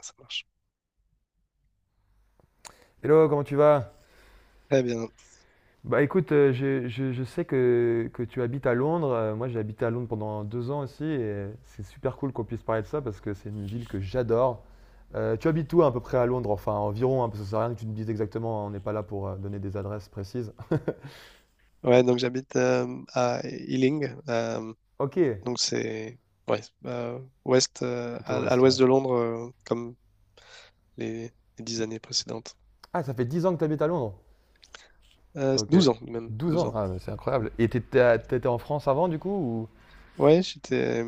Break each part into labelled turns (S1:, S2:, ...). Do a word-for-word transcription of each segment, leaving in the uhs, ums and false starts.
S1: Ça marche.
S2: Hello, comment tu vas?
S1: Très bien.
S2: Bah écoute, euh, je, je- je sais que, que tu habites à Londres. Euh, Moi, j'ai habité à Londres pendant deux ans aussi et c'est super cool qu'on puisse parler de ça parce que c'est une ville que j'adore. Euh, tu habites où à peu près à Londres? Enfin, environ, hein, parce que ça sert à rien que tu me dises exactement, hein, on n'est pas là pour euh, donner des adresses précises.
S1: Ouais, donc j'habite euh, à Ealing. euh,
S2: Ok,
S1: donc c'est, ouais, euh, ouest, euh,
S2: plutôt
S1: à, à
S2: ouest, ouais.
S1: l'ouest de Londres, euh, comme les, les dix années précédentes.
S2: Ah, ça fait dix ans que tu habites à Londres?
S1: Euh,
S2: Ok.
S1: douze ans même,
S2: Douze
S1: douze
S2: ans,
S1: ans.
S2: ah, mais c'est
S1: Mm.
S2: incroyable. Et t'étais à- t'étais en France avant du coup ou...
S1: Ouais, j'étais,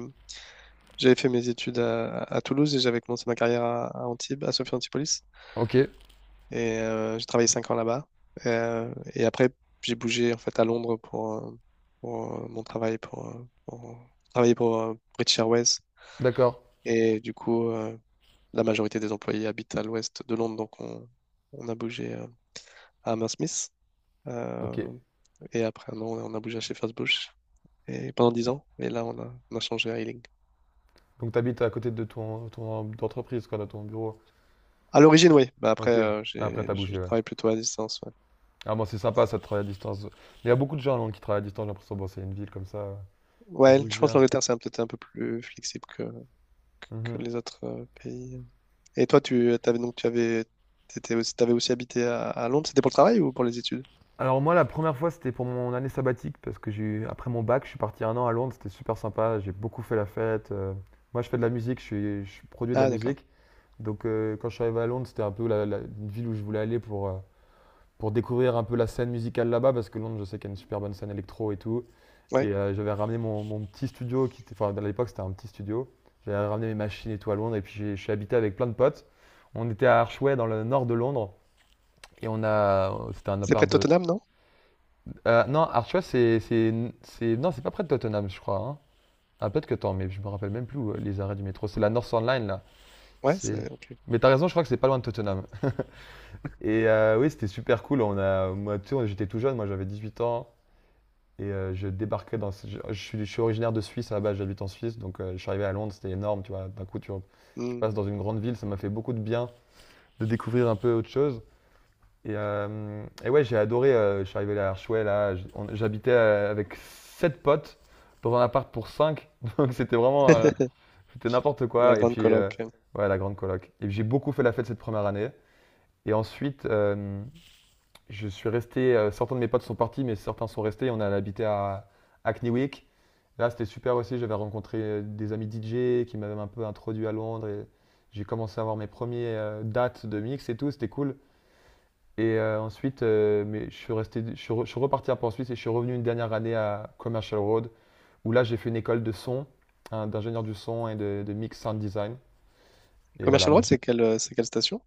S1: j'avais fait mes études à, à Toulouse et j'avais commencé ma carrière à, à Antibes, à Sophie Antipolis.
S2: Ok,
S1: Et euh, j'ai travaillé cinq ans là-bas. Euh, et après, j'ai bougé en fait à Londres pour, euh, pour, euh, mon travail, pour, euh, pour travailler pour euh, British Airways.
S2: d'accord.
S1: Et du coup, euh, la majorité des employés habitent à l'ouest de Londres, donc on, on a bougé euh, à Hammersmith. Euh,
S2: Ok.
S1: et après un an, on a bougé à Shepherd's Bush. Et pendant dix ans, et là, on a, on a changé à Ealing.
S2: Donc t'habites à côté de ton, ton entreprise, quoi, de ton bureau.
S1: À l'origine, oui. Bah après,
S2: Ok.
S1: euh,
S2: Après, t'as
S1: j'ai- je
S2: bougé, ouais.
S1: travaille plutôt à distance. Ouais.
S2: Ah bon, c'est sympa, ça de travailler à distance. Il y a beaucoup de gens, non, qui travaillent à distance, j'ai l'impression. Bon, c'est une ville comme ça, euh, qui
S1: Ouais,
S2: bouge
S1: je pense que
S2: bien.
S1: l'Angleterre, c'est un- peut-être un peu plus flexible que, que
S2: Mhm.
S1: les autres euh, pays. Et toi, tu avais donc tu avais, t'étais aussi, t'avais aussi habité à, à Londres. C'était pour le travail ou pour les études?
S2: Alors moi, la première fois, c'était pour mon année sabbatique, parce que j'ai eu- après mon bac, je suis parti un an à Londres, c'était super sympa, j'ai beaucoup fait la fête. euh. moi, je fais de la musique, je, suis- je produis de la
S1: Ah, d'accord.
S2: musique. Donc euh, quand je suis arrivé à Londres, c'était un peu la, la- une ville où je voulais aller pour, euh, pour découvrir un peu la scène musicale là-bas, parce que Londres, je sais qu'il y a une super bonne scène électro et tout.
S1: Ouais.
S2: Et euh, j'avais ramené mon, mon petit studio, qui était, enfin à l'époque c'était un petit studio. J'avais ramené mes machines et tout à Londres et puis j'ai- je suis habité avec plein de potes. On était à Archway dans le nord de Londres et on a, euh, c'était un
S1: C'est
S2: appart
S1: près de
S2: de.
S1: Tottenham, non?
S2: euh, non, Archway c'est, c'est, c'est, non, c'est pas près de Tottenham, je crois, hein. Ah peut-être que tant, mais je me rappelle même plus où, euh, les arrêts du métro. C'est la North Line là.
S1: Ouais,
S2: C'est.
S1: c'est ok.
S2: Mais t'as raison, je crois que c'est pas loin de Tottenham. Et euh, oui, c'était super cool. On a, moi, tu sais, j'étais tout jeune, moi j'avais dix-huit ans. Et euh, je débarquais dans. Je, je suis, je suis originaire de Suisse à la base, j'habite en Suisse, donc euh, je suis arrivé à Londres, c'était énorme, tu vois. D'un coup, tu, tu
S1: Hmm.
S2: passes dans une grande ville, ça m'a fait beaucoup de bien de découvrir un peu autre chose. Et, euh, et ouais, j'ai adoré, euh, je suis arrivé à Archouet, là, j- on- j'habitais euh, avec sept potes dans un appart pour cinq donc c'était vraiment. Euh, c'était n'importe
S1: La
S2: quoi. Et
S1: grande
S2: puis, euh,
S1: coloc.
S2: ouais, la grande coloc. Et j'ai beaucoup fait la fête cette première année. Et ensuite, euh, je suis resté, euh, certains de mes potes sont partis, mais certains sont restés. On a habité à Hackneywick. Là, c'était super aussi. J'avais rencontré euh, des amis D J qui m'avaient un peu introduit à Londres. Et j'ai commencé à avoir mes premières euh, dates de mix et tout. C'était cool. Et euh, ensuite, euh, mais je suis resté, je suis, re- je suis reparti un peu en Suisse et je suis revenu une dernière année à Commercial Road, où là, j'ai fait une école de son, hein, d'ingénieur du son et de, de mix sound design. Et voilà,
S1: Commercial
S2: mais
S1: Road,
S2: j-
S1: c'est quelle, euh, c'est quelle station?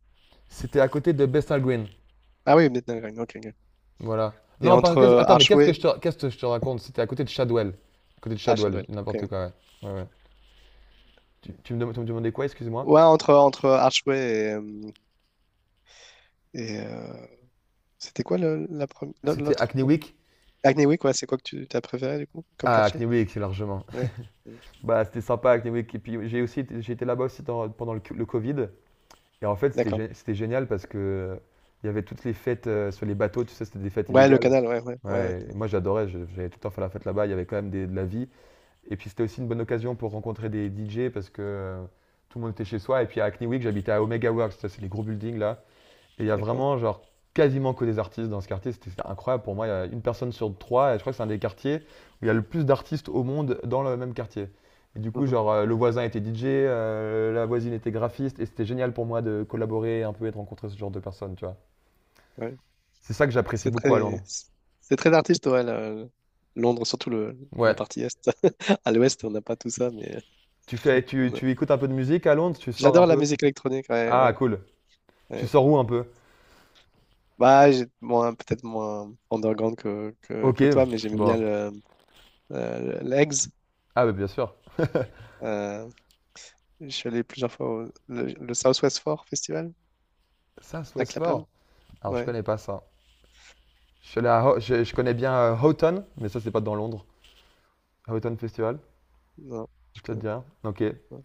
S2: c'était à côté de Bethnal Green.
S1: Ah oui, Midnight Ring, ok, ok.
S2: Voilà.
S1: Et
S2: Non, par-
S1: entre
S2: qu'est-ce-
S1: euh,
S2: attends, mais qu'est-ce que
S1: Archway.
S2: je te, qu'est-ce que je te raconte? C'était à côté de Shadwell. À côté de
S1: Ah,
S2: Shadwell, je
S1: Shadwell,
S2: dis n'importe
S1: ok.
S2: quoi, ouais. Ouais, ouais. Tu, tu me, dem- tu me demandais quoi, excuse-moi?
S1: Ouais, entre, entre Archway et... euh, et, euh, c'était quoi le- la première.
S2: C'était
S1: L'autre.
S2: Hackney
S1: euh,
S2: Week?
S1: Hackney Wick, ouais, c'est quoi que tu as préféré, du coup, comme
S2: Ah,
S1: quartier?
S2: Hackney Week, c'est largement.
S1: Ouais. Mm.
S2: Bah, c'était sympa, Hackney Week. Et puis, j'ai aussi, été- j'ai été là-bas aussi dans- pendant le, co- le Covid. Et en fait, c'était,
S1: D'accord.
S2: gé- c'était génial parce que euh, il y avait toutes les fêtes euh, sur les bateaux, tu sais, c'était des fêtes
S1: Ouais, le
S2: illégales.
S1: canal, ouais, ouais, ouais, ouais.
S2: Ouais, et moi j'adorais, je- j'allais tout le temps faire la fête là-bas, il y avait quand même des- de la vie. Et puis c'était aussi une bonne occasion pour rencontrer des D J parce que euh, tout le monde était chez soi. Et puis à Hackney Week, j'habitais à Omega Works, ça c'est les gros buildings là. Et il y a
S1: D'accord.
S2: vraiment genre quasiment que des artistes dans ce quartier. C'était incroyable pour moi. Il y a une personne sur trois et je crois que c'est un des quartiers où il y a le plus d'artistes au monde dans le même quartier. Et du coup,
S1: Mhm.
S2: genre, euh, le voisin était D J, euh, la voisine était graphiste, et c'était génial pour moi de collaborer un peu et de rencontrer ce genre de personnes, tu vois.
S1: Ouais.
S2: C'est ça que j'apprécie
S1: C'est
S2: beaucoup à
S1: très,
S2: Londres.
S1: c'est très artiste, ouais, la- Londres, surtout le, la
S2: Ouais.
S1: partie est. À l'ouest, on n'a pas tout ça, mais
S2: Tu fais, tu,
S1: on a-
S2: tu écoutes un peu de musique à Londres, tu sors un
S1: j'adore la
S2: peu.
S1: musique électronique, ouais,
S2: Ah,
S1: ouais,
S2: cool. Tu
S1: ouais.
S2: sors où un peu?
S1: Bah, j'ai moins, peut-être moins underground que, que,
S2: Ok,
S1: que toi, mais j'aimais bien
S2: bon.
S1: le, euh, le- l'Eggs.
S2: Ah, bah, bien sûr.
S1: Euh, je suis allé plusieurs fois au le, le Southwest Four Festival
S2: Ça, c'est
S1: à Clapham.
S2: Westford. Alors, je
S1: Ouais,
S2: connais pas ça. Je suis allé à Ho- je, je connais bien euh, Houghton, mais ça, c'est pas dans Londres. Houghton Festival,
S1: non, je
S2: tu vas te
S1: connais
S2: dire. Ok.
S1: pas.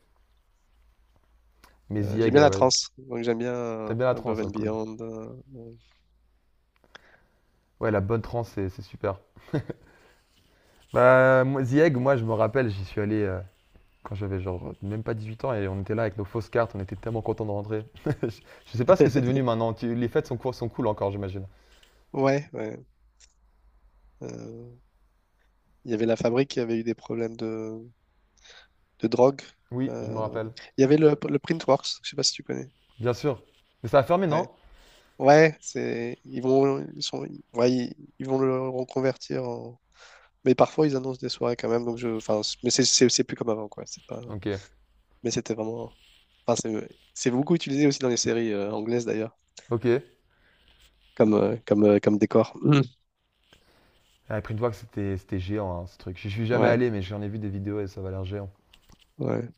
S2: Mais The
S1: Euh, j'aime
S2: Egg,
S1: bien
S2: euh,
S1: la
S2: ouais.
S1: trance, donc j'aime bien euh,
S2: T'aimes bien la
S1: Above
S2: trance, hein,
S1: and
S2: cool.
S1: Beyond. euh,
S2: Ouais, la bonne trance, c'est c'est super. Bah, moi, The Egg, moi, je me rappelle, j'y suis allé euh, quand j'avais genre même pas dix-huit ans et on était là avec nos fausses cartes, on était tellement contents de rentrer. Je, je sais pas ce que c'est devenu maintenant. Tu- les fêtes sont, cool- sont cool encore, j'imagine.
S1: Ouais, ouais. Euh, il y avait la fabrique qui avait eu des problèmes de, de drogue.
S2: Oui, je me
S1: Euh,
S2: rappelle.
S1: il y avait le, le Printworks, je sais pas si tu connais.
S2: Bien sûr. Mais ça a fermé, non?
S1: Ouais, ouais, c'est ils vont ils sont ouais, ils, ils vont le reconvertir en, mais parfois ils annoncent des soirées quand même donc je, enfin c- mais c'est c'est c'est plus comme avant, quoi, c'est pas.
S2: Ok.
S1: Mais c'était vraiment. Enfin, c'est c'est beaucoup utilisé aussi dans les séries euh, anglaises d'ailleurs,
S2: Ok.
S1: comme, euh, comme, euh, comme décor. Mm.
S2: J'avais pris une fois que c'était c'était géant, hein, ce truc. Je suis jamais
S1: Ouais,
S2: allé, mais j'en ai vu des vidéos et ça va l'air géant.
S1: ouais.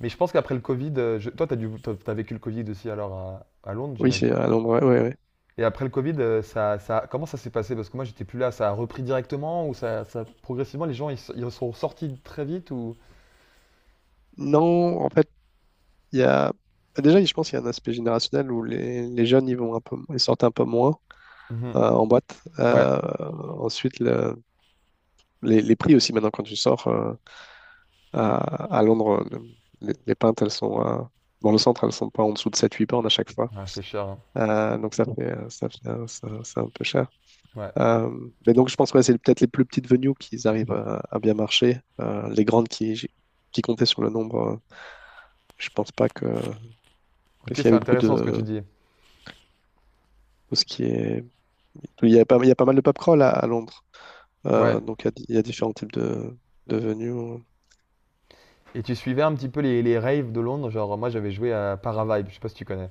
S2: Mais je pense qu'après le Covid, euh, je- toi t'as dû, t'as t'as vécu le Covid aussi alors à, à Londres,
S1: Oui, c'est
S2: j'imagine.
S1: à Londres, ouais, ouais, ouais.
S2: Et après le Covid, euh, ça, ça, comment ça s'est passé? Parce que moi j'étais plus là, ça a repris directement ou ça, ça progressivement les gens ils, s- ils sont sortis très vite ou?
S1: Non, en fait, il y a. Bah, déjà, je pense qu'il y a un aspect générationnel où les, les jeunes, ils vont un peu, ils sortent un peu moins
S2: Mhm.
S1: euh, en boîte.
S2: Ouais,
S1: Euh, ensuite, le- les, les prix aussi, maintenant, quand tu sors euh, à, à Londres, le- les, les pintes, elles sont. Euh, dans le centre, elles sont pas en dessous de sept huit pounds à chaque fois.
S2: Ouais, c'est cher, hein.
S1: Euh, donc, ça fait, euh, ça fait, un- ça- c'est un peu cher.
S2: Ouais.
S1: Euh, mais donc, je pense que, ouais, c'est peut-être les plus petites venues qui arrivent à, à bien marcher. Euh, les grandes qui, qui comptaient sur le nombre, euh, je pense pas que.
S2: Ok,
S1: Parce qu'il y
S2: c'est
S1: avait beaucoup
S2: intéressant ce que tu
S1: de.
S2: dis.
S1: Tout ce qui est... Il y a pas, il y a pas mal de pub crawl à, à Londres.
S2: Ouais.
S1: Euh, donc, il y, a, di- il y a différents types de, de venues.
S2: Et tu suivais un petit peu les, les raves de Londres, genre moi j'avais joué à Paravibe, je sais pas si tu connais.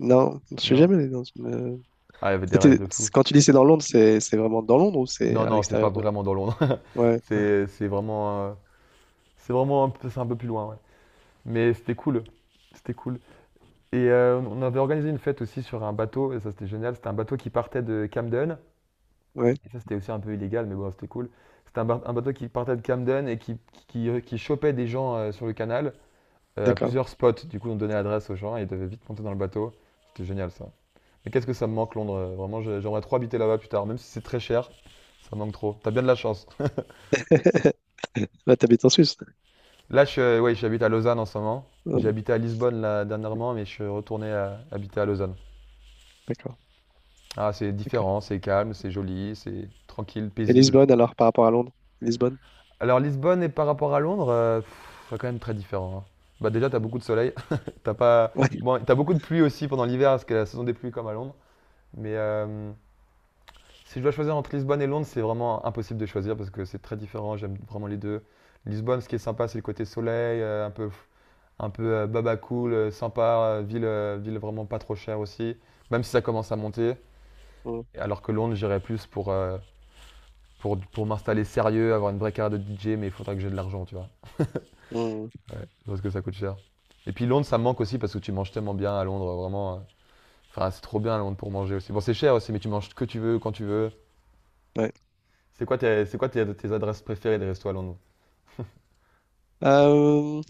S1: Non, je suis
S2: Non?
S1: jamais allé dans une. euh,
S2: Ah, il y avait des raves
S1: C'était-
S2: de fou.
S1: Quand tu dis c'est dans Londres, c'est c'est vraiment dans Londres ou c'est
S2: Non,
S1: à
S2: non, c'est pas
S1: l'extérieur de Londres?
S2: vraiment dans Londres.
S1: Ouais,
S2: C'est c'est vraiment, euh, c'est vraiment un peu, c'est un peu plus loin, ouais. Mais c'était cool. C'était cool. Et euh, on avait organisé une fête aussi sur un bateau, et ça c'était génial. C'était un bateau qui partait de Camden.
S1: ouais,
S2: Et ça c'était aussi un peu illégal, mais bon, c'était cool. C'était un, ba- un bateau qui partait de Camden et qui, qui, qui chopait des gens euh, sur le canal euh, à
S1: d'accord.
S2: plusieurs spots. Du coup, on donnait l'adresse aux gens et ils devaient vite monter dans le bateau. C'était génial, ça. Mais qu'est-ce que ça me manque, Londres? euh, Vraiment, j'ai- j'aimerais trop habiter là-bas plus tard, même si c'est très cher. Ça me manque trop. T'as bien de la chance.
S1: Là, t'habites en Suisse.
S2: Là, je, suis- euh, ouais, j'habite à Lausanne en ce moment. J'ai
S1: Ouais,
S2: habité à Lisbonne là, dernièrement, mais je suis retourné à- habiter à Lausanne.
S1: d'accord,
S2: Ah, c'est
S1: d'accord.
S2: différent, c'est calme, c'est joli, c'est tranquille,
S1: Et
S2: paisible.
S1: Lisbonne, alors, par rapport à Londres? Lisbonne?
S2: Alors Lisbonne et par rapport à Londres, euh, pff, c'est quand même très différent, hein. Bah déjà, t'as beaucoup de soleil. T'as pas...
S1: Ouais.
S2: Bon, t'as beaucoup de pluie aussi pendant l'hiver, parce que la saison des pluies comme à Londres. Mais euh, si je dois choisir entre Lisbonne et Londres, c'est vraiment impossible de choisir parce que c'est très différent. J'aime vraiment les deux. Lisbonne, ce qui est sympa, c'est le côté soleil, euh, un peu un peu euh, baba cool, euh, sympa, euh, ville, euh, ville vraiment pas trop chère aussi, même si ça commence à monter.
S1: Mm,
S2: Alors que Londres, j'irais plus pour, euh, pour, pour m'installer sérieux, avoir une vraie carrière de D J, mais il faudra que j'ai de l'argent, tu vois.
S1: mm.
S2: Ouais, parce que ça coûte cher. Et puis Londres, ça me manque aussi parce que tu manges tellement bien à Londres, vraiment. euh, Enfin, c'est trop bien à Londres pour manger aussi. Bon, c'est cher aussi, mais tu manges ce que tu veux, quand tu veux.
S1: Ouais.
S2: C'est quoi tes, c'est quoi tes, tes adresses préférées des restos à Londres?
S1: Euh,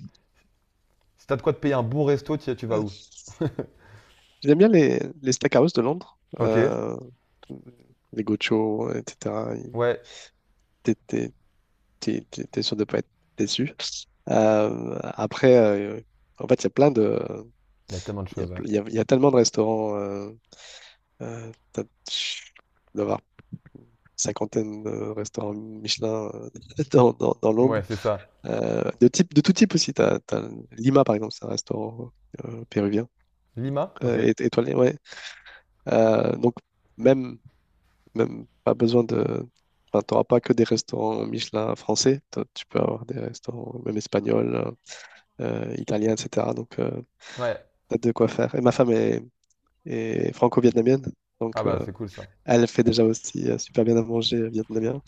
S2: Si t'as de quoi te payer un bon resto, tu, tu vas
S1: euh,
S2: où?
S1: J'aime bien les, les steakhouse de Londres,
S2: Ok.
S1: euh, les gochos, et cetera. Ils-
S2: Ouais.
S1: T'es t'es- t'es- t'es- T'es sûr de ne pas être déçu. Euh, après, euh, en fait, il y a plein de...
S2: Il y a tellement de
S1: Il y a,
S2: choses, ouais.
S1: il y a- il y a tellement de restaurants. Euh, euh, t'as- je dois avoir cinquantaine de restaurants Michelin euh, dans, dans, dans
S2: Ouais,
S1: Londres.
S2: c'est ça.
S1: Euh, de type, de tout type aussi. T'as, t'as Lima, par exemple, c'est un restaurant euh, péruvien.
S2: Lima?
S1: Euh,
S2: Ok.
S1: et- étoilé, ouais. Euh, donc, même, même pas besoin de. Enfin, tu n'auras pas que des restaurants Michelin français. T'as- Tu peux avoir des restaurants même espagnols, euh, italiens, et cetera. Donc, euh,
S2: Ouais.
S1: t'as de quoi faire. Et ma femme est, est franco-vietnamienne.
S2: Ah
S1: Donc,
S2: bah
S1: euh,
S2: c'est cool, ça.
S1: elle fait déjà aussi euh, super bien à manger euh, vietnamien.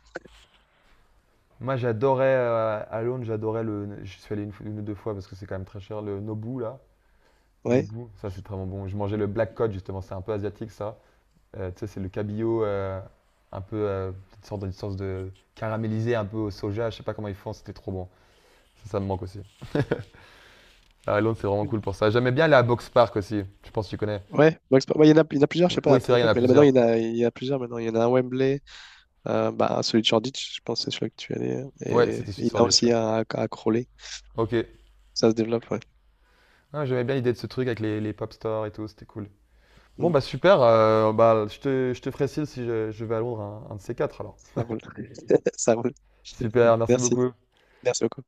S2: Moi j'adorais euh, à Londres, j'adorais le. Je suis allé une, fois- une ou deux fois parce que c'est quand même très cher, le Nobu là.
S1: Ouais.
S2: Nobu, ça c'est vraiment bon. bon. Je mangeais le black cod justement, c'est un peu asiatique, ça. Euh, tu sais, c'est le cabillaud euh, un peu. euh, une sorte, une sorte de caramélisé un peu au soja, je sais pas comment ils font, c'était trop bon. Ça, ça me manque aussi. À Londres c'est vraiment cool pour ça. J'aimais bien aller à Box Park aussi, je pense que tu connais.
S1: Ouais, Max- ouais, il y en a, il y en a plusieurs, je sais pas,
S2: Oui,
S1: à
S2: c'est
S1: ton
S2: vrai, il y en
S1: époque,
S2: a
S1: mais là maintenant,
S2: plusieurs.
S1: il y en a, il y en a plusieurs maintenant. Il y en a un à Wembley, euh, bah, celui de Shoreditch, je pense, c'est celui que tu es allé.
S2: Ouais,
S1: Et
S2: c'était Sud
S1: il y en a
S2: Shoreditch,
S1: aussi
S2: ouais.
S1: un à, à Crawley.
S2: Ok.
S1: Ça se développe, ouais.
S2: Ah, J'aimais bien l'idée de ce truc avec les, les pop stores et tout, c'était cool. Bon,
S1: Mm,
S2: bah super. euh, bah, je te, je te ferai signe si je, je vais à Londres un, un de ces quatre alors.
S1: ça roule. Ça roule.
S2: Super, merci
S1: Merci.
S2: beaucoup.
S1: Merci beaucoup.